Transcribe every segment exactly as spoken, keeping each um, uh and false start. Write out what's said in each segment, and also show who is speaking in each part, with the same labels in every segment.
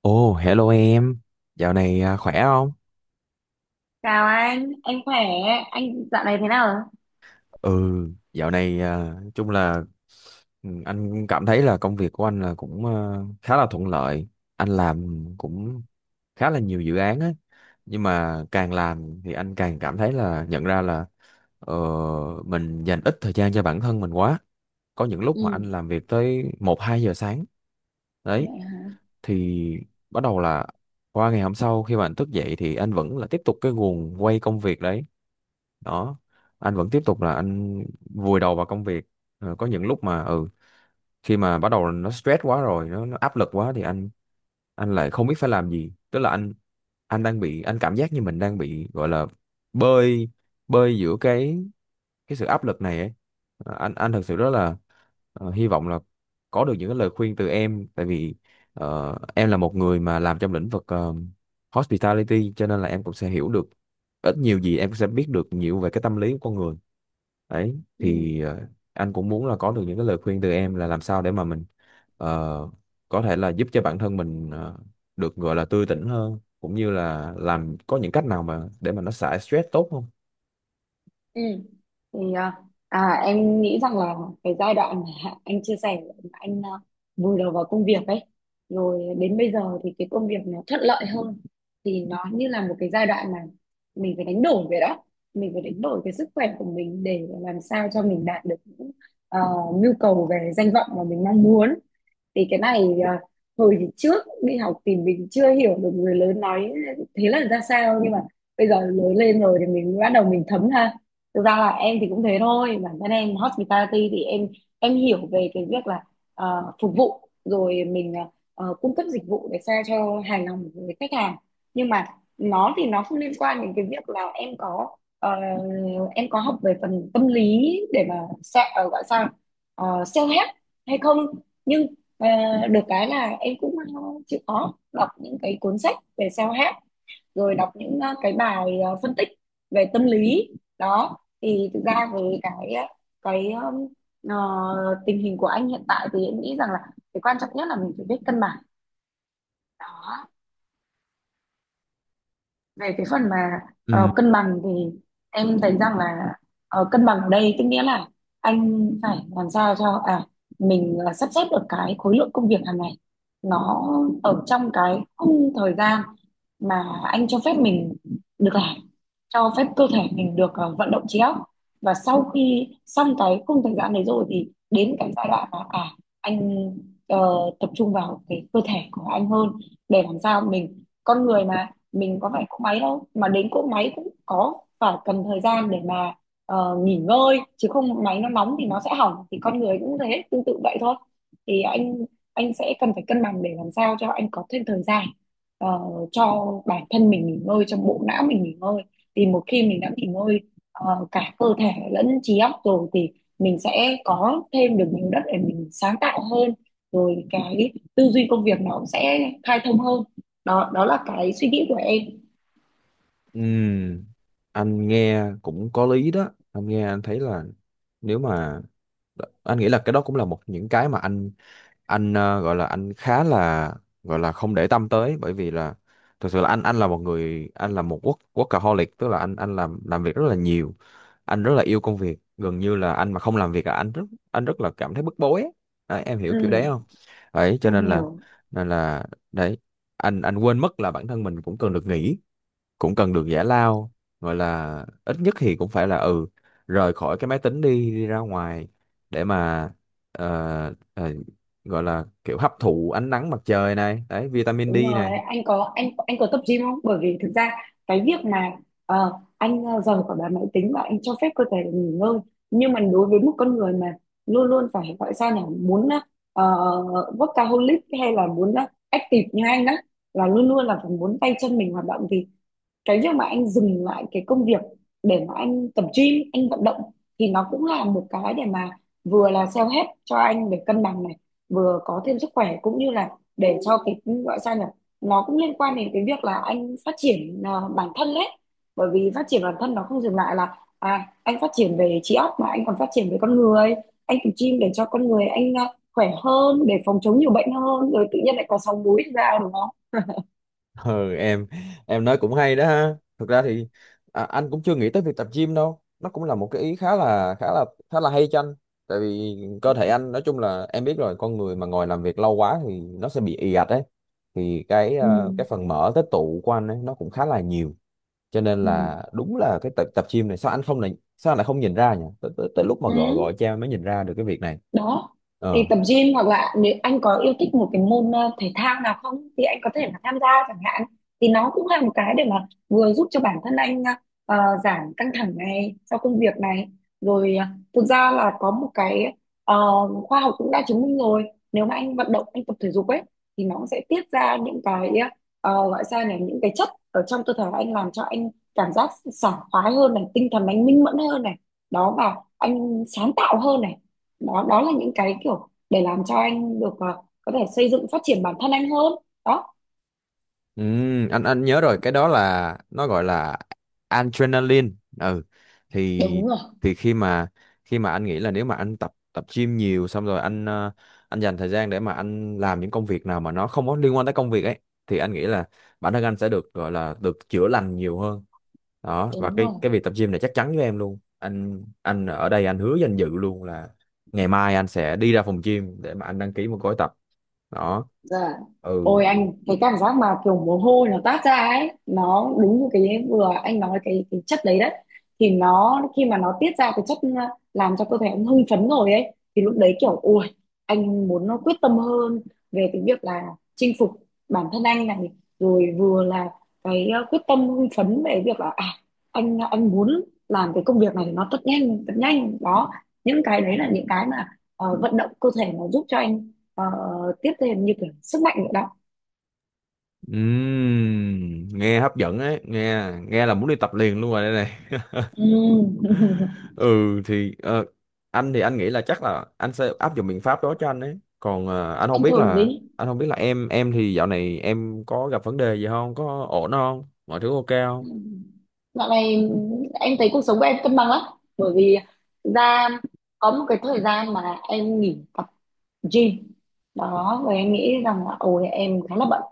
Speaker 1: Ồ, hello em. Dạo này à, khỏe không?
Speaker 2: Chào anh, anh khỏe, anh dạo này thế nào rồi?
Speaker 1: Ừ, dạo này à, nói chung là ừ, anh cảm thấy là công việc của anh là cũng à, khá là thuận lợi. Anh làm cũng khá là nhiều dự án á. Nhưng mà càng làm thì anh càng cảm thấy là nhận ra là ờ, mình dành ít thời gian cho bản thân mình quá. Có những
Speaker 2: Ừ,
Speaker 1: lúc mà anh làm việc tới một hai giờ sáng. Đấy,
Speaker 2: vậy hả?
Speaker 1: thì bắt đầu là qua ngày hôm sau khi mà anh thức dậy thì anh vẫn là tiếp tục cái guồng quay công việc đấy đó, anh vẫn tiếp tục là anh vùi đầu vào công việc. Ờ, có những lúc mà ừ khi mà bắt đầu nó stress quá rồi, nó, nó áp lực quá thì anh anh lại không biết phải làm gì, tức là anh anh đang bị, anh cảm giác như mình đang bị gọi là bơi, bơi giữa cái cái sự áp lực này ấy. ờ, anh anh thật sự rất là ờ, hy vọng là có được những cái lời khuyên từ em, tại vì ờ, em là một người mà làm trong lĩnh vực ờ, hospitality, cho nên là em cũng sẽ hiểu được ít nhiều gì, em sẽ biết được nhiều về cái tâm lý của con người. Đấy
Speaker 2: Ừ,
Speaker 1: thì ờ, anh cũng muốn là có được những cái lời khuyên từ em là làm sao để mà mình ờ, có thể là giúp cho bản thân mình ờ, được gọi là tươi tỉnh hơn, cũng như là làm có những cách nào mà để mà nó xả stress tốt không.
Speaker 2: ừ. Thì à, à, em nghĩ rằng là cái giai đoạn mà anh chia sẻ mà anh à, vùi đầu vào công việc ấy, rồi đến bây giờ thì cái công việc nó thuận lợi hơn, thì nó như là một cái giai đoạn mà mình phải đánh đổi vậy đó, mình phải đánh đổi cái sức khỏe của mình để làm sao cho mình đạt được những à, nhu cầu về danh vọng mà mình mong muốn. Thì cái này à, hồi trước đi học thì mình chưa hiểu được người lớn nói thế là ra sao, nhưng mà bây giờ lớn lên rồi thì mình bắt đầu mình thấm ha. Thực ra là em thì cũng thế thôi, bản thân em hospitality thì em em hiểu về cái việc là ờ, phục vụ, rồi mình ờ, ờ, cung cấp dịch vụ để sao cho hài lòng với khách hàng. Nhưng mà nó thì nó không liên quan đến cái việc là em có ờ, em có học về phần tâm lý để mà sa- ờ, gọi sao, uh, self-help hay không. Nhưng Ờ, được cái là em cũng ờ, chịu khó đọc những cái cuốn sách về self-help, rồi đọc những ờ, cái bài ờ, phân tích về tâm lý. Đó thì thực ra với cái ờ, cái um, ờ, tình hình của anh hiện tại thì em nghĩ rằng là cái quan trọng nhất là mình phải biết cân bằng. Đó, về cái phần mà ờ, cân bằng thì em thấy rằng là ờ, cân bằng ở đây tức nghĩa là anh phải làm sao cho à mình ờ, sắp xếp được cái khối lượng công việc hàng ngày nó ở trong cái khung thời gian mà anh cho phép mình được làm, cho phép cơ thể mình được ờ, vận động trí óc. Và sau khi xong cái khung thời gian đấy rồi thì đến cái giai đoạn mà à anh ờ, tập trung vào cái cơ thể của anh hơn, để làm sao mình con người mà mình có phải cỗ máy đâu, mà đến cỗ máy cũng có phải cần thời gian để mà ờ, nghỉ ngơi chứ, không máy nó nóng thì nó sẽ hỏng, thì con người cũng thế tương tự vậy thôi. Thì anh anh sẽ cần phải cân bằng để làm sao cho anh có thêm thời gian ờ, cho bản thân mình nghỉ ngơi, cho bộ não mình nghỉ ngơi. Thì một khi mình đã nghỉ ngơi ờ, cả cơ thể lẫn trí óc rồi thì mình sẽ có thêm được nhiều đất để mình sáng tạo hơn, rồi cái tư duy công việc nó cũng sẽ khai thông hơn. Đó, đó là cái suy nghĩ của em.
Speaker 1: Ừ, anh nghe cũng có lý đó. Anh nghe anh thấy là, nếu mà anh nghĩ là cái đó cũng là một những cái mà anh anh ờ, gọi là anh khá là, gọi là không để tâm tới, bởi vì là thực sự là anh anh là một người, anh là một work workaholic, tức là anh anh làm làm việc rất là nhiều. Anh rất là yêu công việc, gần như là anh mà không làm việc là anh rất anh rất là cảm thấy bức bối ấy. Đấy, em hiểu kiểu đấy không,
Speaker 2: Ừ,
Speaker 1: đấy cho
Speaker 2: em
Speaker 1: nên là,
Speaker 2: hiểu.
Speaker 1: nên là đấy, anh anh quên mất là bản thân mình cũng cần được nghỉ, cũng cần được giải lao, gọi là ít nhất thì cũng phải là ừ rời khỏi cái máy tính, đi đi ra ngoài để mà ờ, ờ, gọi là kiểu hấp thụ ánh nắng mặt trời này, đấy, vitamin
Speaker 2: Đúng
Speaker 1: D
Speaker 2: rồi,
Speaker 1: này.
Speaker 2: anh có anh anh có tập gym không? Bởi vì thực ra cái việc mà ờ, anh ờ, rời khỏi bàn máy tính và anh cho phép cơ thể được nghỉ ngơi, nhưng mà đối với một con người mà luôn luôn phải gọi sao nhỉ, muốn ờ, workaholic hay là muốn ờ, active như anh đó, là luôn luôn là phải muốn tay chân mình hoạt động, thì cái việc mà anh dừng lại cái công việc để mà anh tập gym, anh vận động thì nó cũng là một cái để mà vừa là self help cho anh để cân bằng này, vừa có thêm sức khỏe cũng như là để cho cái gọi sao nhỉ, nó cũng liên quan đến cái việc là anh phát triển à, bản thân đấy. Bởi vì phát triển bản thân nó không dừng lại là à anh phát triển về trí óc mà anh còn phát triển về con người. Anh tập gym để cho con người anh à, khỏe hơn, để phòng chống nhiều bệnh hơn, rồi tự nhiên lại có sáu múi ra, đúng không?
Speaker 1: Ừ, em em nói cũng hay đó ha. Thực ra thì à, anh cũng chưa nghĩ tới việc tập gym đâu, nó cũng là một cái ý khá là khá là khá là hay cho anh. Tại vì cơ thể anh, nói chung là em biết rồi, con người mà ngồi làm việc lâu quá thì nó sẽ bị ì ạch đấy, thì cái
Speaker 2: Ừ.
Speaker 1: ờ, cái phần mỡ tích tụ của anh ấy nó cũng khá là nhiều. Cho nên
Speaker 2: Ừ.
Speaker 1: là đúng là cái tập tập gym này, sao anh không, này sao anh lại không nhìn ra nhỉ, tới, tới, tới lúc mà gọi gọi
Speaker 2: Ừ.
Speaker 1: cha mới nhìn ra được cái việc này.
Speaker 2: Đó, thì
Speaker 1: ờ
Speaker 2: tập gym hoặc là nếu anh có yêu thích một cái môn ờ, thể thao nào không thì anh có thể là tham gia chẳng hạn. Thì nó cũng là một cái để mà vừa giúp cho bản thân anh ờ, giảm căng thẳng này sau công việc này, rồi ờ, thực ra là có một cái ờ, khoa học cũng đã chứng minh rồi, nếu mà anh vận động, anh tập thể dục ấy thì nó cũng sẽ tiết ra những cái ờ, gọi sao nhỉ, những cái chất ở trong cơ thể anh làm cho anh cảm giác sảng khoái hơn này, tinh thần anh minh mẫn hơn này. Đó, và anh sáng tạo hơn này. Đó, đó là những cái kiểu để làm cho anh được ờ, có thể xây dựng phát triển bản thân anh hơn. Đó.
Speaker 1: Ừ, anh anh nhớ rồi, cái đó là nó gọi là adrenaline. Ừ, thì
Speaker 2: Đúng rồi.
Speaker 1: thì khi mà khi mà anh nghĩ là, nếu mà anh tập tập gym nhiều, xong rồi anh ờ, anh dành thời gian để mà anh làm những công việc nào mà nó không có liên quan tới công việc ấy, thì anh nghĩ là bản thân anh sẽ được gọi là được chữa lành nhiều hơn. Đó, và
Speaker 2: Đúng
Speaker 1: cái
Speaker 2: rồi.
Speaker 1: cái việc tập gym này, chắc chắn với em luôn, anh anh ở đây anh hứa danh dự luôn là ngày mai anh sẽ đi ra phòng gym để mà anh đăng ký một gói tập. Đó,
Speaker 2: Dạ.
Speaker 1: ừ.
Speaker 2: Ôi anh, cái cảm giác mà kiểu mồ hôi nó toát ra ấy nó đúng như cái vừa anh nói, cái cái chất đấy đấy thì nó, khi mà nó tiết ra cái chất làm cho cơ thể ông hưng phấn rồi ấy thì lúc đấy kiểu ôi, anh muốn nó quyết tâm hơn về cái việc là chinh phục bản thân anh này, rồi vừa là cái ờ, quyết tâm hưng phấn về việc là à anh anh muốn làm cái công việc này nó thật nhanh, thật nhanh đó. Những cái đấy là những cái mà ờ, vận động cơ thể nó giúp cho anh. Ờ, Tiếp theo như kiểu sức mạnh nữa đó.
Speaker 1: Ừm, nghe hấp dẫn ấy, nghe nghe là muốn đi tập liền luôn rồi đây này.
Speaker 2: Ừ.
Speaker 1: Ừ, thì ờ, anh thì anh nghĩ là chắc là anh sẽ áp dụng biện pháp đó cho anh ấy. Còn ờ, anh không
Speaker 2: Anh
Speaker 1: biết
Speaker 2: thử
Speaker 1: là,
Speaker 2: đi.
Speaker 1: anh không biết là em em thì dạo này em có gặp vấn đề gì không, có ổn không, mọi thứ ok không?
Speaker 2: Ừ. Dạo này em thấy cuộc sống của em cân bằng lắm. Bởi vì thực ra có một cái thời gian mà em nghỉ tập gym. Đó, và em nghĩ rằng là ôi em khá là bận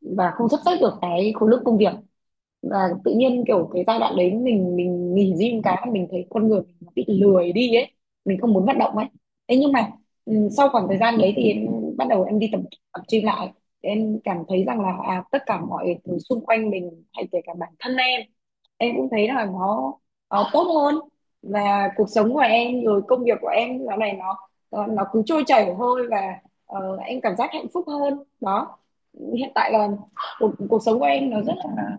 Speaker 2: và không sắp xếp được cái khối lượng công việc. Và tự nhiên kiểu cái giai đoạn đấy mình mình nghỉ gym cái mình thấy con người mình nó bị lười đi ấy, mình không muốn vận động ấy. Thế nhưng mà ừ, sau khoảng thời gian đấy thì em bắt đầu em đi tập tập gym lại, em cảm thấy rằng là à, tất cả mọi thứ xung quanh mình hay kể cả bản thân em em cũng thấy là nó, nó tốt hơn. Và cuộc sống của em rồi công việc của em dạo này nó nó nó cứ trôi chảy thôi và ờ, em cảm giác hạnh phúc hơn đó. Hiện tại là cuộc, cuộc sống của em nó rất là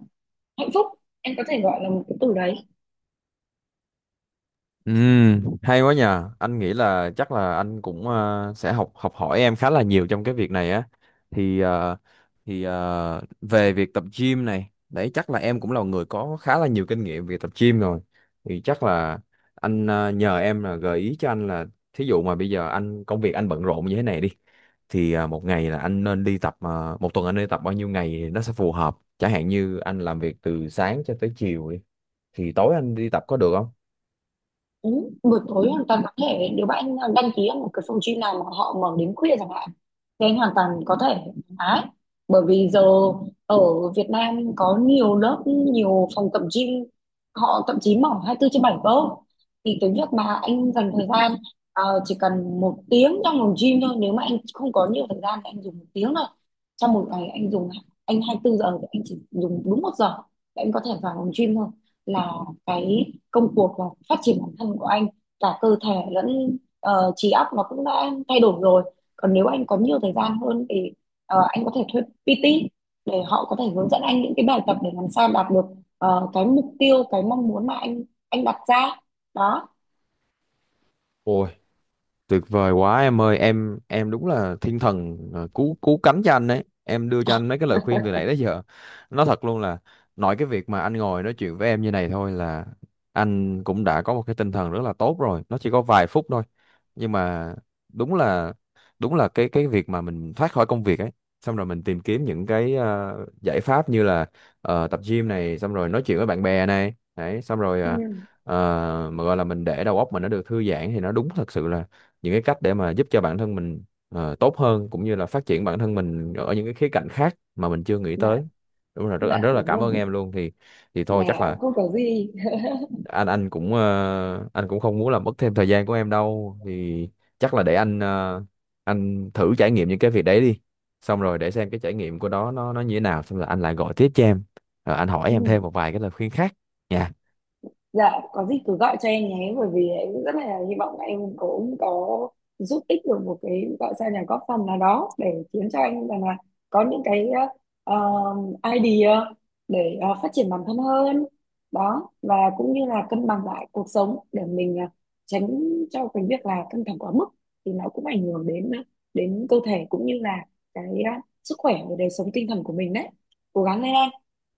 Speaker 2: hạnh phúc, em có thể gọi là một cái từ đấy.
Speaker 1: Ừ, hay quá nhờ. Anh nghĩ là chắc là anh cũng ờ, sẽ học học hỏi em khá là nhiều trong cái việc này á. Thì ờ, thì ờ, về việc tập gym này, đấy chắc là em cũng là người có khá là nhiều kinh nghiệm về tập gym rồi. Thì chắc là anh ờ, nhờ em là gợi ý cho anh là thí dụ mà bây giờ anh, công việc anh bận rộn như thế này đi, thì à, một ngày là anh nên đi tập à, một tuần anh nên tập bao nhiêu ngày thì nó sẽ phù hợp, chẳng hạn như anh làm việc từ sáng cho tới chiều đi thì tối anh đi tập có được
Speaker 2: Ừ. Buổi tối hoàn toàn có thể, nếu bạn anh đăng ký ở một cái phòng gym nào mà họ mở đến khuya chẳng hạn thì anh hoàn toàn có thể thoải, bởi vì giờ ở Việt Nam có nhiều lớp, nhiều phòng tập gym họ thậm chí mở hai mươi tư trên bảy cơ. Thì cái việc mà anh dành thời gian ờ, chỉ cần một tiếng trong phòng gym thôi, nếu mà anh không có nhiều thời gian thì anh dùng một tiếng thôi. Trong một ngày anh dùng anh hai tư giờ thì anh chỉ dùng đúng một giờ để anh có thể vào phòng gym thôi, là cái công cuộc và phát triển bản thân của anh cả cơ thể lẫn ờ, trí óc nó cũng đã thay đổi rồi. Còn nếu anh có nhiều thời gian hơn thì ờ, anh có thể thuê pê tê để họ có thể hướng dẫn anh những cái bài tập để làm sao đạt được ờ, cái mục tiêu, cái mong muốn mà anh anh đặt ra đó.
Speaker 1: không? Tuyệt vời quá em ơi, em em đúng là thiên thần, ờ, cứu cứu cánh cho anh đấy. Em đưa cho anh mấy cái lời khuyên từ nãy đến giờ. Nói thật luôn là, nói cái việc mà anh ngồi nói chuyện với em như này thôi là anh cũng đã có một cái tinh thần rất là tốt rồi. Nó chỉ có vài phút thôi. Nhưng mà đúng là đúng là cái cái việc mà mình thoát khỏi công việc ấy, xong rồi mình tìm kiếm những cái ờ, giải pháp như là ờ, tập gym này, xong rồi nói chuyện với bạn bè này, đấy, xong rồi
Speaker 2: Ừ.
Speaker 1: ờ, ờ, mà gọi là mình để đầu óc mình nó được thư giãn, thì nó đúng thật sự là những cái cách để mà giúp cho bản thân mình ờ, tốt hơn, cũng như là phát triển bản thân mình ở những cái khía cạnh khác mà mình chưa nghĩ
Speaker 2: Dạ.
Speaker 1: tới. Đúng rồi, rất anh
Speaker 2: Dạ
Speaker 1: rất là
Speaker 2: đúng
Speaker 1: cảm
Speaker 2: rồi.
Speaker 1: ơn em luôn. Thì thì thôi, chắc
Speaker 2: Là
Speaker 1: là
Speaker 2: không có gì.
Speaker 1: anh anh cũng ờ, anh cũng không muốn làm mất thêm thời gian của em đâu, thì chắc là để anh ờ, anh thử trải nghiệm những cái việc đấy đi, xong rồi để xem cái trải nghiệm của đó nó nó như thế nào, xong rồi anh lại gọi tiếp cho em, rồi anh hỏi em thêm
Speaker 2: Ừ.
Speaker 1: một vài cái lời khuyên khác nha.
Speaker 2: Dạ, có gì cứ gọi cho em nhé, bởi vì em rất là hy vọng là em cũng có giúp ích được một cái gọi sao nhà, góp phần nào đó để khiến cho anh rằng là có những cái uh, idea để ờ, phát triển bản thân hơn đó, và cũng như là cân bằng lại cuộc sống để mình ờ, tránh cho cái việc là căng thẳng quá mức thì nó cũng ảnh hưởng đến ờ, đến cơ thể cũng như là cái ờ, sức khỏe và đời sống tinh thần của mình đấy. Cố gắng lên em.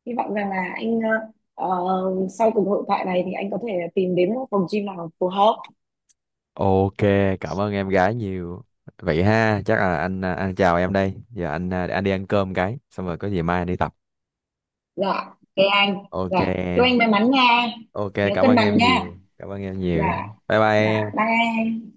Speaker 2: Hy vọng rằng là anh ờ, ờ, sau cuộc hội thoại này thì anh có thể tìm đến một phòng gym nào phù hợp.
Speaker 1: Ok, cảm ơn em gái nhiều. Vậy ha, chắc là anh à, anh chào em đây. Giờ anh à, để anh đi ăn cơm cái, xong rồi có gì mai anh đi tập.
Speaker 2: Dạ. Thế anh. Dạ,
Speaker 1: Ok
Speaker 2: chúc anh
Speaker 1: em.
Speaker 2: may mắn nha.
Speaker 1: Ok,
Speaker 2: Nhớ
Speaker 1: cảm
Speaker 2: cân
Speaker 1: ơn
Speaker 2: bằng
Speaker 1: em
Speaker 2: nha.
Speaker 1: nhiều. Cảm ơn em nhiều.
Speaker 2: Dạ.
Speaker 1: Bye bye
Speaker 2: Dạ
Speaker 1: em.
Speaker 2: bye.